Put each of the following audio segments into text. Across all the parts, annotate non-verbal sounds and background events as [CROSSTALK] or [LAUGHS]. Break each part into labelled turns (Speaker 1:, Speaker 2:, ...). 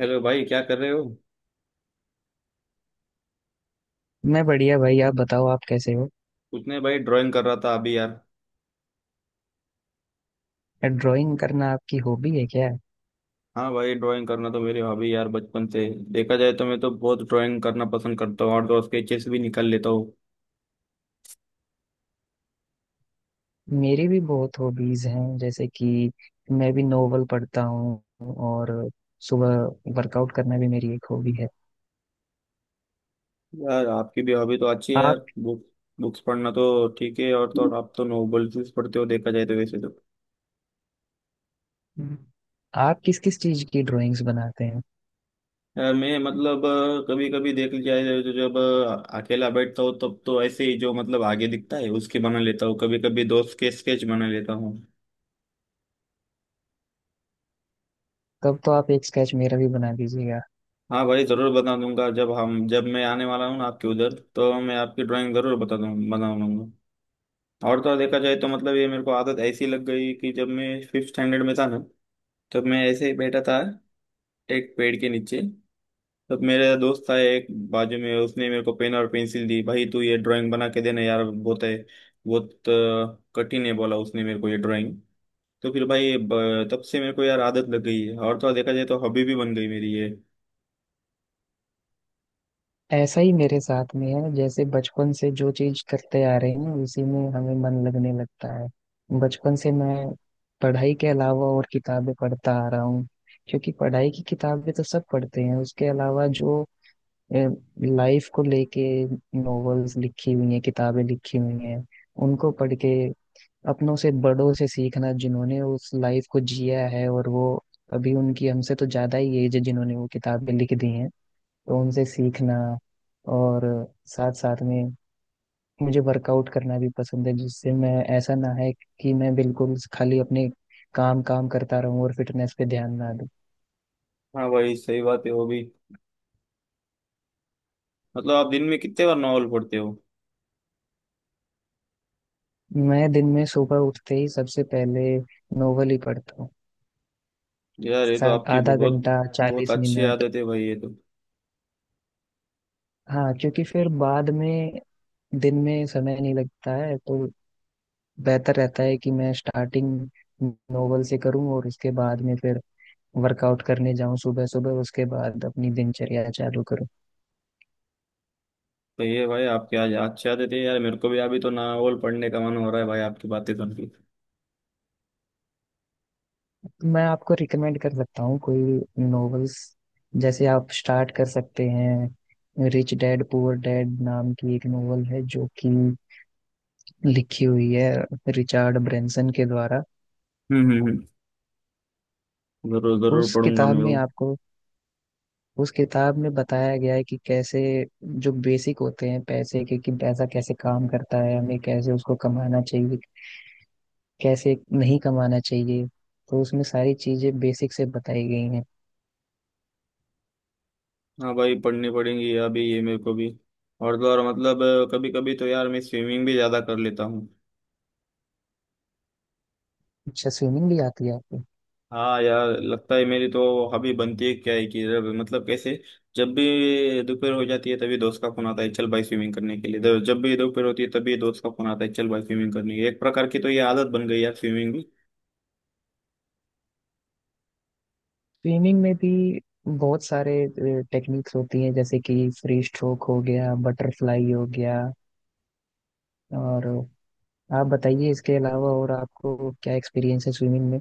Speaker 1: Hello भाई क्या कर रहे हो।
Speaker 2: मैं बढ़िया भाई। आप बताओ, आप कैसे हो?
Speaker 1: कुछ नहीं भाई ड्राइंग कर रहा था अभी यार।
Speaker 2: ड्राइंग करना आपकी हॉबी है क्या?
Speaker 1: हाँ भाई ड्राइंग करना तो मेरी हॉबी यार बचपन से। देखा जाए तो मैं तो बहुत ड्राइंग करना पसंद करता हूँ और तो स्केचेस भी निकाल लेता हूँ।
Speaker 2: मेरी भी बहुत हॉबीज हैं, जैसे कि मैं भी नोवेल पढ़ता हूँ, और सुबह वर्कआउट करना भी मेरी एक हॉबी है।
Speaker 1: यार आपकी भी हॉबी तो अच्छी है
Speaker 2: आप
Speaker 1: यार। बुक बुक्स पढ़ना तो ठीक है और तो और आप तो नोवेल्स पढ़ते हो देखा जाए तो वैसे तो।
Speaker 2: आप किस किस चीज की ड्राइंग्स बनाते हैं?
Speaker 1: यार मैं मतलब कभी कभी देख लिया जाए तो जब अकेला बैठता हूँ तब तो ऐसे ही जो मतलब आगे दिखता है उसके बना लेता हूँ कभी कभी दोस्त के स्केच बना लेता हूँ।
Speaker 2: तब तो आप एक स्केच मेरा भी बना दीजिएगा।
Speaker 1: हाँ भाई ज़रूर बता दूंगा जब हम जब मैं आने वाला हूँ ना आपके उधर तो मैं आपकी ड्राइंग ज़रूर बता दूँ बना दूंगा। और तो और देखा जाए तो मतलब ये मेरे को आदत ऐसी लग गई कि जब मैं फिफ्थ स्टैंडर्ड में था ना तब मैं ऐसे ही बैठा था एक पेड़ के नीचे। तब मेरा दोस्त था एक बाजू में उसने मेरे को पेन और पेंसिल दी भाई तू ये ड्राइंग बना के देना यार बहुत है। बहुत कठिन है बोला उसने मेरे को ये ड्राइंग। तो फिर भाई तब से मेरे को यार आदत लग गई है और तो और देखा जाए तो हॉबी भी बन गई मेरी ये।
Speaker 2: ऐसा ही मेरे साथ में है, जैसे बचपन से जो चीज करते आ रहे हैं उसी में हमें मन लगने लगता है। बचपन से मैं पढ़ाई के अलावा और किताबें पढ़ता आ रहा हूँ, क्योंकि पढ़ाई की किताबें तो सब पढ़ते हैं। उसके अलावा जो लाइफ को लेके नॉवेल्स लिखी हुई हैं, किताबें लिखी हुई हैं, उनको पढ़ के अपनों से बड़ों से सीखना, जिन्होंने उस लाइफ को जिया है। और वो अभी, उनकी हमसे तो ज्यादा ही एज है जिन्होंने वो किताबें लिख दी हैं, तो उनसे सीखना। और साथ साथ में मुझे वर्कआउट करना भी पसंद है, जिससे मैं, ऐसा ना है कि मैं बिल्कुल खाली अपने काम काम करता रहूं और फिटनेस पे ध्यान ना दूं।
Speaker 1: हाँ भाई सही बात है हॉबी। मतलब आप दिन में कितने बार नॉवल पढ़ते हो।
Speaker 2: मैं दिन में सुबह उठते ही सबसे पहले नोवेल ही पढ़ता हूँ,
Speaker 1: यार ये तो
Speaker 2: साथ
Speaker 1: आपकी
Speaker 2: आधा
Speaker 1: बहुत
Speaker 2: घंटा
Speaker 1: बहुत
Speaker 2: चालीस
Speaker 1: अच्छी
Speaker 2: मिनट
Speaker 1: आदत है भाई ये तो।
Speaker 2: हाँ, क्योंकि फिर बाद में दिन में समय नहीं लगता है, तो बेहतर रहता है कि मैं स्टार्टिंग नोवेल से करूँ और उसके बाद में फिर वर्कआउट करने जाऊं सुबह सुबह, उसके बाद अपनी दिनचर्या चालू करूं।
Speaker 1: भाई ये भाई आपकी आज अच्छी आदत है यार मेरे को भी अभी तो नॉवल पढ़ने का मन हो रहा है भाई आपकी बातें सुन के।
Speaker 2: मैं आपको रिकमेंड कर सकता हूँ कोई नॉवेल्स, जैसे आप स्टार्ट कर सकते हैं, रिच डैड पुअर डैड नाम की एक नॉवल है जो कि लिखी हुई है रिचार्ड ब्रेंसन के द्वारा।
Speaker 1: हम्म हम्म हम्म। जरूर जरूर
Speaker 2: उस
Speaker 1: पढ़ूंगा
Speaker 2: किताब
Speaker 1: मैं
Speaker 2: में
Speaker 1: वो।
Speaker 2: आपको, उस किताब में बताया गया है कि कैसे जो बेसिक होते हैं पैसे के, कि पैसा कैसे काम करता है, हमें कैसे उसको कमाना चाहिए, कैसे नहीं कमाना चाहिए। तो उसमें सारी चीजें बेसिक से बताई गई हैं।
Speaker 1: हाँ भाई पढ़नी पड़ेंगी अभी ये मेरे को भी। और तो और मतलब कभी कभी तो यार मैं स्विमिंग भी ज्यादा कर लेता हूँ।
Speaker 2: अच्छा, स्विमिंग भी आती है आपको?
Speaker 1: हाँ यार लगता है मेरी तो हॉबी बनती है क्या है कि जब मतलब कैसे। जब भी दोपहर हो जाती है तभी दोस्त का फोन आता है चल भाई स्विमिंग करने के लिए तो जब भी दोपहर होती है तभी दोस्त का फोन आता है चल भाई स्विमिंग करने के लिए। एक प्रकार की तो ये आदत बन गई यार स्विमिंग की।
Speaker 2: स्विमिंग में भी बहुत सारे टेक्निक्स होती हैं, जैसे कि फ्री स्ट्रोक हो गया, बटरफ्लाई हो गया। और आप बताइए, इसके अलावा और आपको क्या एक्सपीरियंस है स्विमिंग में?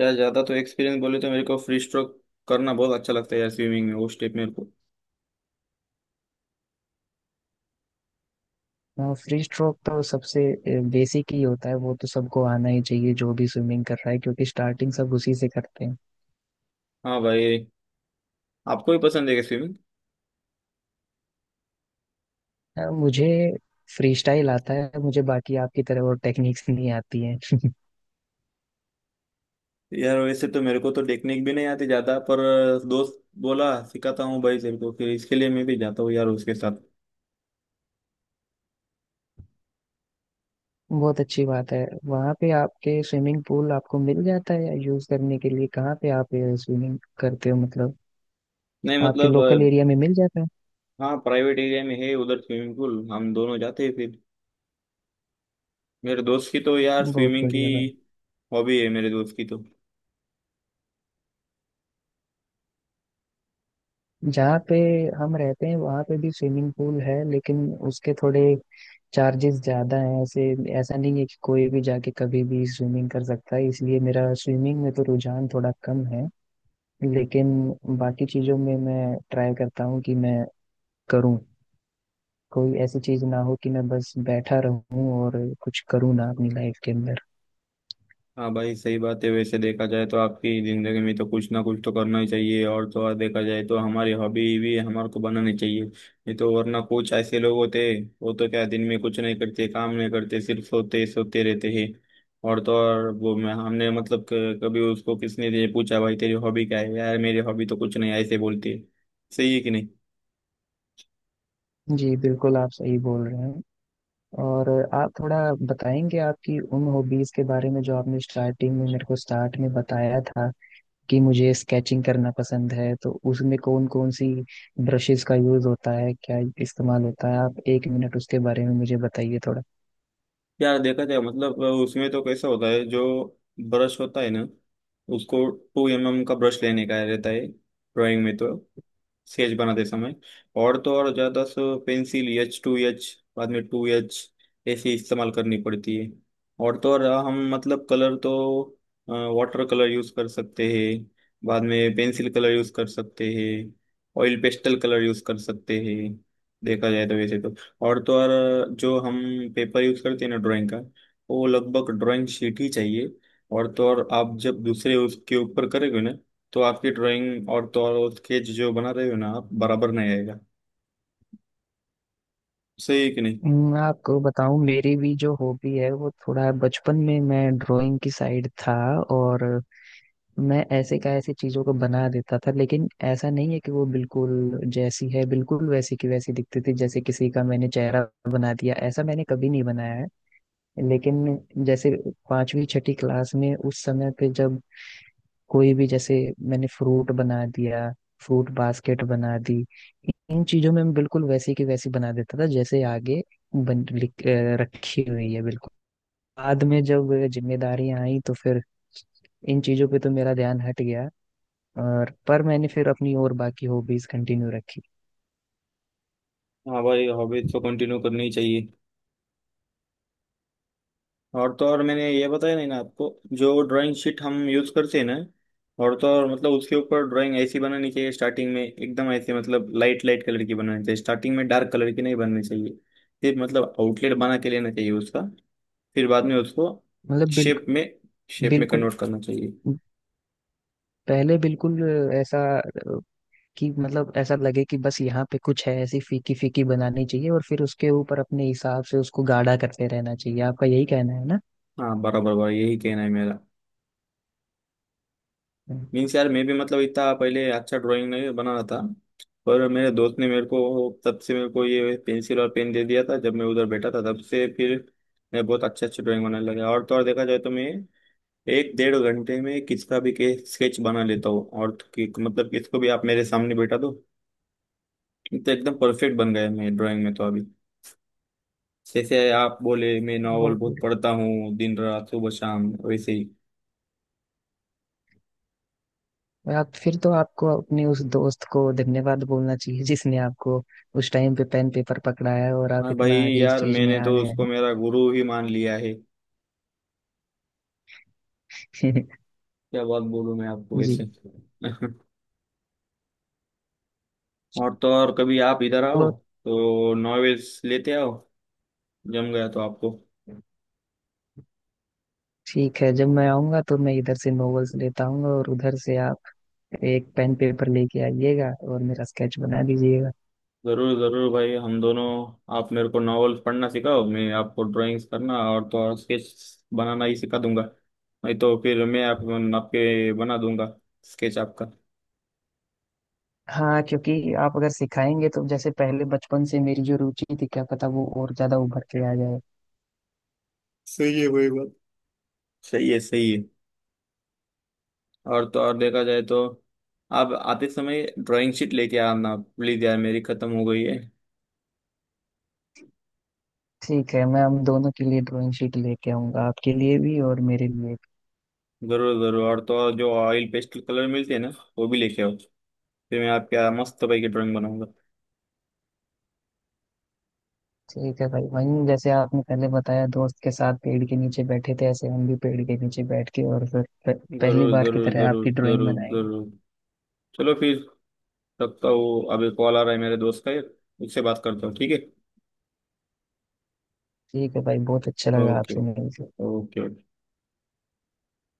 Speaker 1: यार ज्यादा तो एक्सपीरियंस बोले तो मेरे को फ्री स्ट्रोक करना बहुत अच्छा लगता है यार स्विमिंग में वो स्टेप मेरे को।
Speaker 2: फ्री स्ट्रोक तो सबसे बेसिक ही होता है, वो तो सबको आना ही चाहिए जो भी स्विमिंग कर रहा है, क्योंकि स्टार्टिंग सब उसी से करते हैं।
Speaker 1: हाँ भाई। आपको भी पसंद है क्या स्विमिंग?
Speaker 2: मुझे फ्री स्टाइल आता है, मुझे बाकी आपकी तरह वो टेक्निक्स नहीं आती हैं।
Speaker 1: यार वैसे तो मेरे को तो टेक्निक भी नहीं आती ज्यादा पर दोस्त बोला सिखाता हूँ भाई तेरे को फिर इसके लिए मैं भी जाता हूँ यार उसके साथ।
Speaker 2: बहुत अच्छी बात है। वहाँ पे आपके स्विमिंग पूल आपको मिल जाता है या यूज करने के लिए? कहाँ पे आप स्विमिंग करते हो मतलब,
Speaker 1: नहीं
Speaker 2: आपके
Speaker 1: मतलब।
Speaker 2: लोकल एरिया में मिल जाता है?
Speaker 1: हाँ प्राइवेट एरिया में है उधर स्विमिंग पूल हम दोनों जाते हैं फिर। मेरे दोस्त की तो यार
Speaker 2: बहुत
Speaker 1: स्विमिंग की
Speaker 2: बढ़िया भाई।
Speaker 1: हॉबी है मेरे दोस्त की तो।
Speaker 2: जहाँ पे हम रहते हैं वहाँ पे भी स्विमिंग पूल है, लेकिन उसके थोड़े चार्जेस ज्यादा हैं, ऐसे ऐसा नहीं है कि कोई भी जाके कभी भी स्विमिंग कर सकता है, इसलिए मेरा स्विमिंग में तो रुझान थोड़ा कम है। लेकिन बाकी चीजों में मैं ट्राई करता हूँ कि मैं करूँ, कोई ऐसी चीज ना हो कि मैं बस बैठा रहूं और कुछ करूं ना अपनी लाइफ के अंदर।
Speaker 1: हाँ भाई सही बात है वैसे देखा जाए तो आपकी जिंदगी में तो कुछ ना कुछ तो करना ही चाहिए और तो और देखा जाए तो हमारी हॉबी भी हमारे को बनानी चाहिए नहीं तो वरना कुछ ऐसे लोग होते हैं वो तो क्या दिन में कुछ नहीं करते काम नहीं करते सिर्फ सोते सोते रहते हैं। और तो और वो मैं हमने मतलब कभी उसको किसने ये पूछा भाई तेरी हॉबी क्या है यार मेरी हॉबी तो कुछ नहीं ऐसे बोलती है। सही है कि नहीं।
Speaker 2: जी बिल्कुल, आप सही बोल रहे हैं। और आप थोड़ा बताएंगे आपकी उन हॉबीज के बारे में जो आपने स्टार्टिंग में मेरे को, स्टार्ट में बताया था कि मुझे स्केचिंग करना पसंद है, तो उसमें कौन कौन सी ब्रशेस का यूज होता है, क्या इस्तेमाल होता है? आप एक मिनट उसके बारे में मुझे बताइए थोड़ा।
Speaker 1: यार देखा जाए मतलब उसमें तो कैसा होता है जो ब्रश होता है ना उसको 2 mm का ब्रश लेने का रहता है ड्राइंग में तो स्केच बनाते समय। और तो और ज्यादा so pencil H two H बाद में टू एच ऐसे इस्तेमाल करनी पड़ती है। और तो और हम मतलब कलर तो वाटर कलर यूज कर सकते हैं बाद में पेंसिल कलर यूज कर सकते हैं ऑयल पेस्टल कलर यूज कर सकते हैं देखा जाए तो वैसे तो। और तो और जो हम पेपर यूज करते हैं ना ड्राइंग का वो लगभग ड्राइंग शीट ही चाहिए। और तो और आप जब दूसरे उसके ऊपर करेंगे ना तो आपकी ड्राइंग और तो और स्केच जो बना रहे हो ना आप बराबर नहीं आएगा। सही है कि नहीं।
Speaker 2: आपको बताऊं, मेरी भी जो हॉबी है वो, थोड़ा बचपन में मैं ड्राइंग की साइड था। और मैं ऐसे का ऐसे चीजों को बना देता था, लेकिन ऐसा नहीं है कि वो बिल्कुल जैसी है बिल्कुल वैसी की वैसी दिखती थी। जैसे किसी का मैंने चेहरा बना दिया, ऐसा मैंने कभी नहीं बनाया है। लेकिन जैसे पांचवी छठी क्लास में, उस समय पे जब कोई भी, जैसे मैंने फ्रूट बना दिया, फ्रूट बास्केट बना दी, इन चीजों में मैं बिल्कुल वैसी की वैसी बना देता था, जैसे आगे रखी हुई है बिल्कुल। बाद में जब जिम्मेदारियां आई तो फिर इन चीजों पे तो मेरा ध्यान हट गया। और पर मैंने फिर अपनी और बाकी हॉबीज कंटिन्यू रखी।
Speaker 1: हाँ भाई हॉबी तो कंटिन्यू करनी ही चाहिए। और तो और मैंने ये बताया नहीं ना आपको जो ड्राइंग शीट हम यूज करते हैं ना और तो और मतलब उसके ऊपर ड्राइंग ऐसी बनानी चाहिए स्टार्टिंग में एकदम ऐसे मतलब लाइट लाइट कलर की बनानी चाहिए स्टार्टिंग में डार्क कलर की नहीं बननी चाहिए। फिर मतलब आउटलेट बना के लेना चाहिए उसका फिर बाद में उसको
Speaker 2: मतलब
Speaker 1: शेप में
Speaker 2: बिल्कुल,
Speaker 1: शेप में
Speaker 2: बिल्कुल
Speaker 1: कन्वर्ट करना चाहिए।
Speaker 2: पहले बिल्कुल ऐसा कि मतलब ऐसा लगे कि बस यहाँ पे कुछ है, ऐसी फीकी फीकी बनानी चाहिए और फिर उसके ऊपर अपने हिसाब से उसको गाढ़ा करते रहना चाहिए। आपका यही कहना है ना?
Speaker 1: हाँ बराबर बराबर यही कहना है मेरा।
Speaker 2: हम्म।
Speaker 1: मीन्स यार मैं भी मतलब इतना पहले अच्छा ड्राइंग नहीं बना रहा था पर मेरे दोस्त ने मेरे को तब से मेरे को ये पेंसिल और पेन दे दिया था जब मैं उधर बैठा था तब से फिर मैं बहुत अच्छे अच्छे ड्राइंग बनाने लगा। और तो और देखा जाए तो मैं एक डेढ़ घंटे में किसका भी के स्केच बना लेता हूँ और तो मतलब किसको भी आप मेरे सामने बैठा दो। तो एकदम परफेक्ट बन गया मैं ड्राइंग में तो अभी जैसे आप बोले मैं नॉवल
Speaker 2: बहुत
Speaker 1: बहुत
Speaker 2: बढ़िया।
Speaker 1: पढ़ता हूँ दिन रात सुबह शाम वैसे ही।
Speaker 2: आप फिर तो आपको अपने उस दोस्त को धन्यवाद बोलना चाहिए जिसने आपको उस टाइम पे पेन पेपर पकड़ाया, और आप
Speaker 1: हाँ भाई
Speaker 2: इतना आगे इस
Speaker 1: यार
Speaker 2: चीज में
Speaker 1: मैंने
Speaker 2: आ
Speaker 1: तो
Speaker 2: गए
Speaker 1: उसको
Speaker 2: हैं।
Speaker 1: मेरा गुरु ही मान लिया है। क्या बात बोलूं मैं आपको
Speaker 2: [LAUGHS] जी।
Speaker 1: वैसे [LAUGHS] और तो और कभी आप इधर आओ
Speaker 2: और
Speaker 1: तो नॉवेल्स लेते आओ जम गया तो आपको।
Speaker 2: ठीक है, जब मैं आऊंगा तो मैं इधर से नॉवेल्स लेता आऊंगा, और उधर से आप एक पेन पेपर लेके आइएगा और मेरा स्केच बना दीजिएगा।
Speaker 1: जरूर जरूर भाई हम दोनों आप मेरे को नॉवेल्स पढ़ना सिखाओ मैं आपको ड्राइंग्स करना और तो और स्केच बनाना ही सिखा दूंगा। नहीं तो फिर मैं आपके बना दूंगा स्केच आपका।
Speaker 2: हाँ, क्योंकि आप अगर सिखाएंगे तो जैसे पहले बचपन से मेरी जो रुचि थी, क्या पता वो और ज्यादा उभर के आ जाए।
Speaker 1: सही है वही बात सही है सही है। और तो और देखा जाए तो आप आते समय ड्राइंग शीट लेके आना प्लीज यार मेरी खत्म हो गई है।
Speaker 2: ठीक है, मैं हम दोनों के लिए ड्राइंग शीट लेके आऊंगा, आपके लिए भी और मेरे लिए भी।
Speaker 1: जरूर जरूर और तो और जो ऑयल पेस्टल कलर मिलते हैं ना वो भी लेके आओ फिर मैं आपके यहाँ मस्त भाई की ड्राइंग बनाऊंगा।
Speaker 2: ठीक है भाई, वहीं जैसे आपने पहले बताया दोस्त के साथ पेड़ के नीचे बैठे थे, ऐसे हम भी पेड़ के नीचे बैठ के और फिर पहली
Speaker 1: जरूर
Speaker 2: बार की
Speaker 1: जरूर
Speaker 2: तरह
Speaker 1: जरूर
Speaker 2: आपकी ड्राइंग
Speaker 1: जरूर
Speaker 2: बनाएंगे।
Speaker 1: जरूर। चलो फिर रखता हूँ अभी कॉल आ रहा है मेरे दोस्त का एक उससे बात करता हूँ ठीक है।
Speaker 2: ठीक है भाई, बहुत अच्छा लगा
Speaker 1: ओके।
Speaker 2: आपसे मिलकर।
Speaker 1: ओके।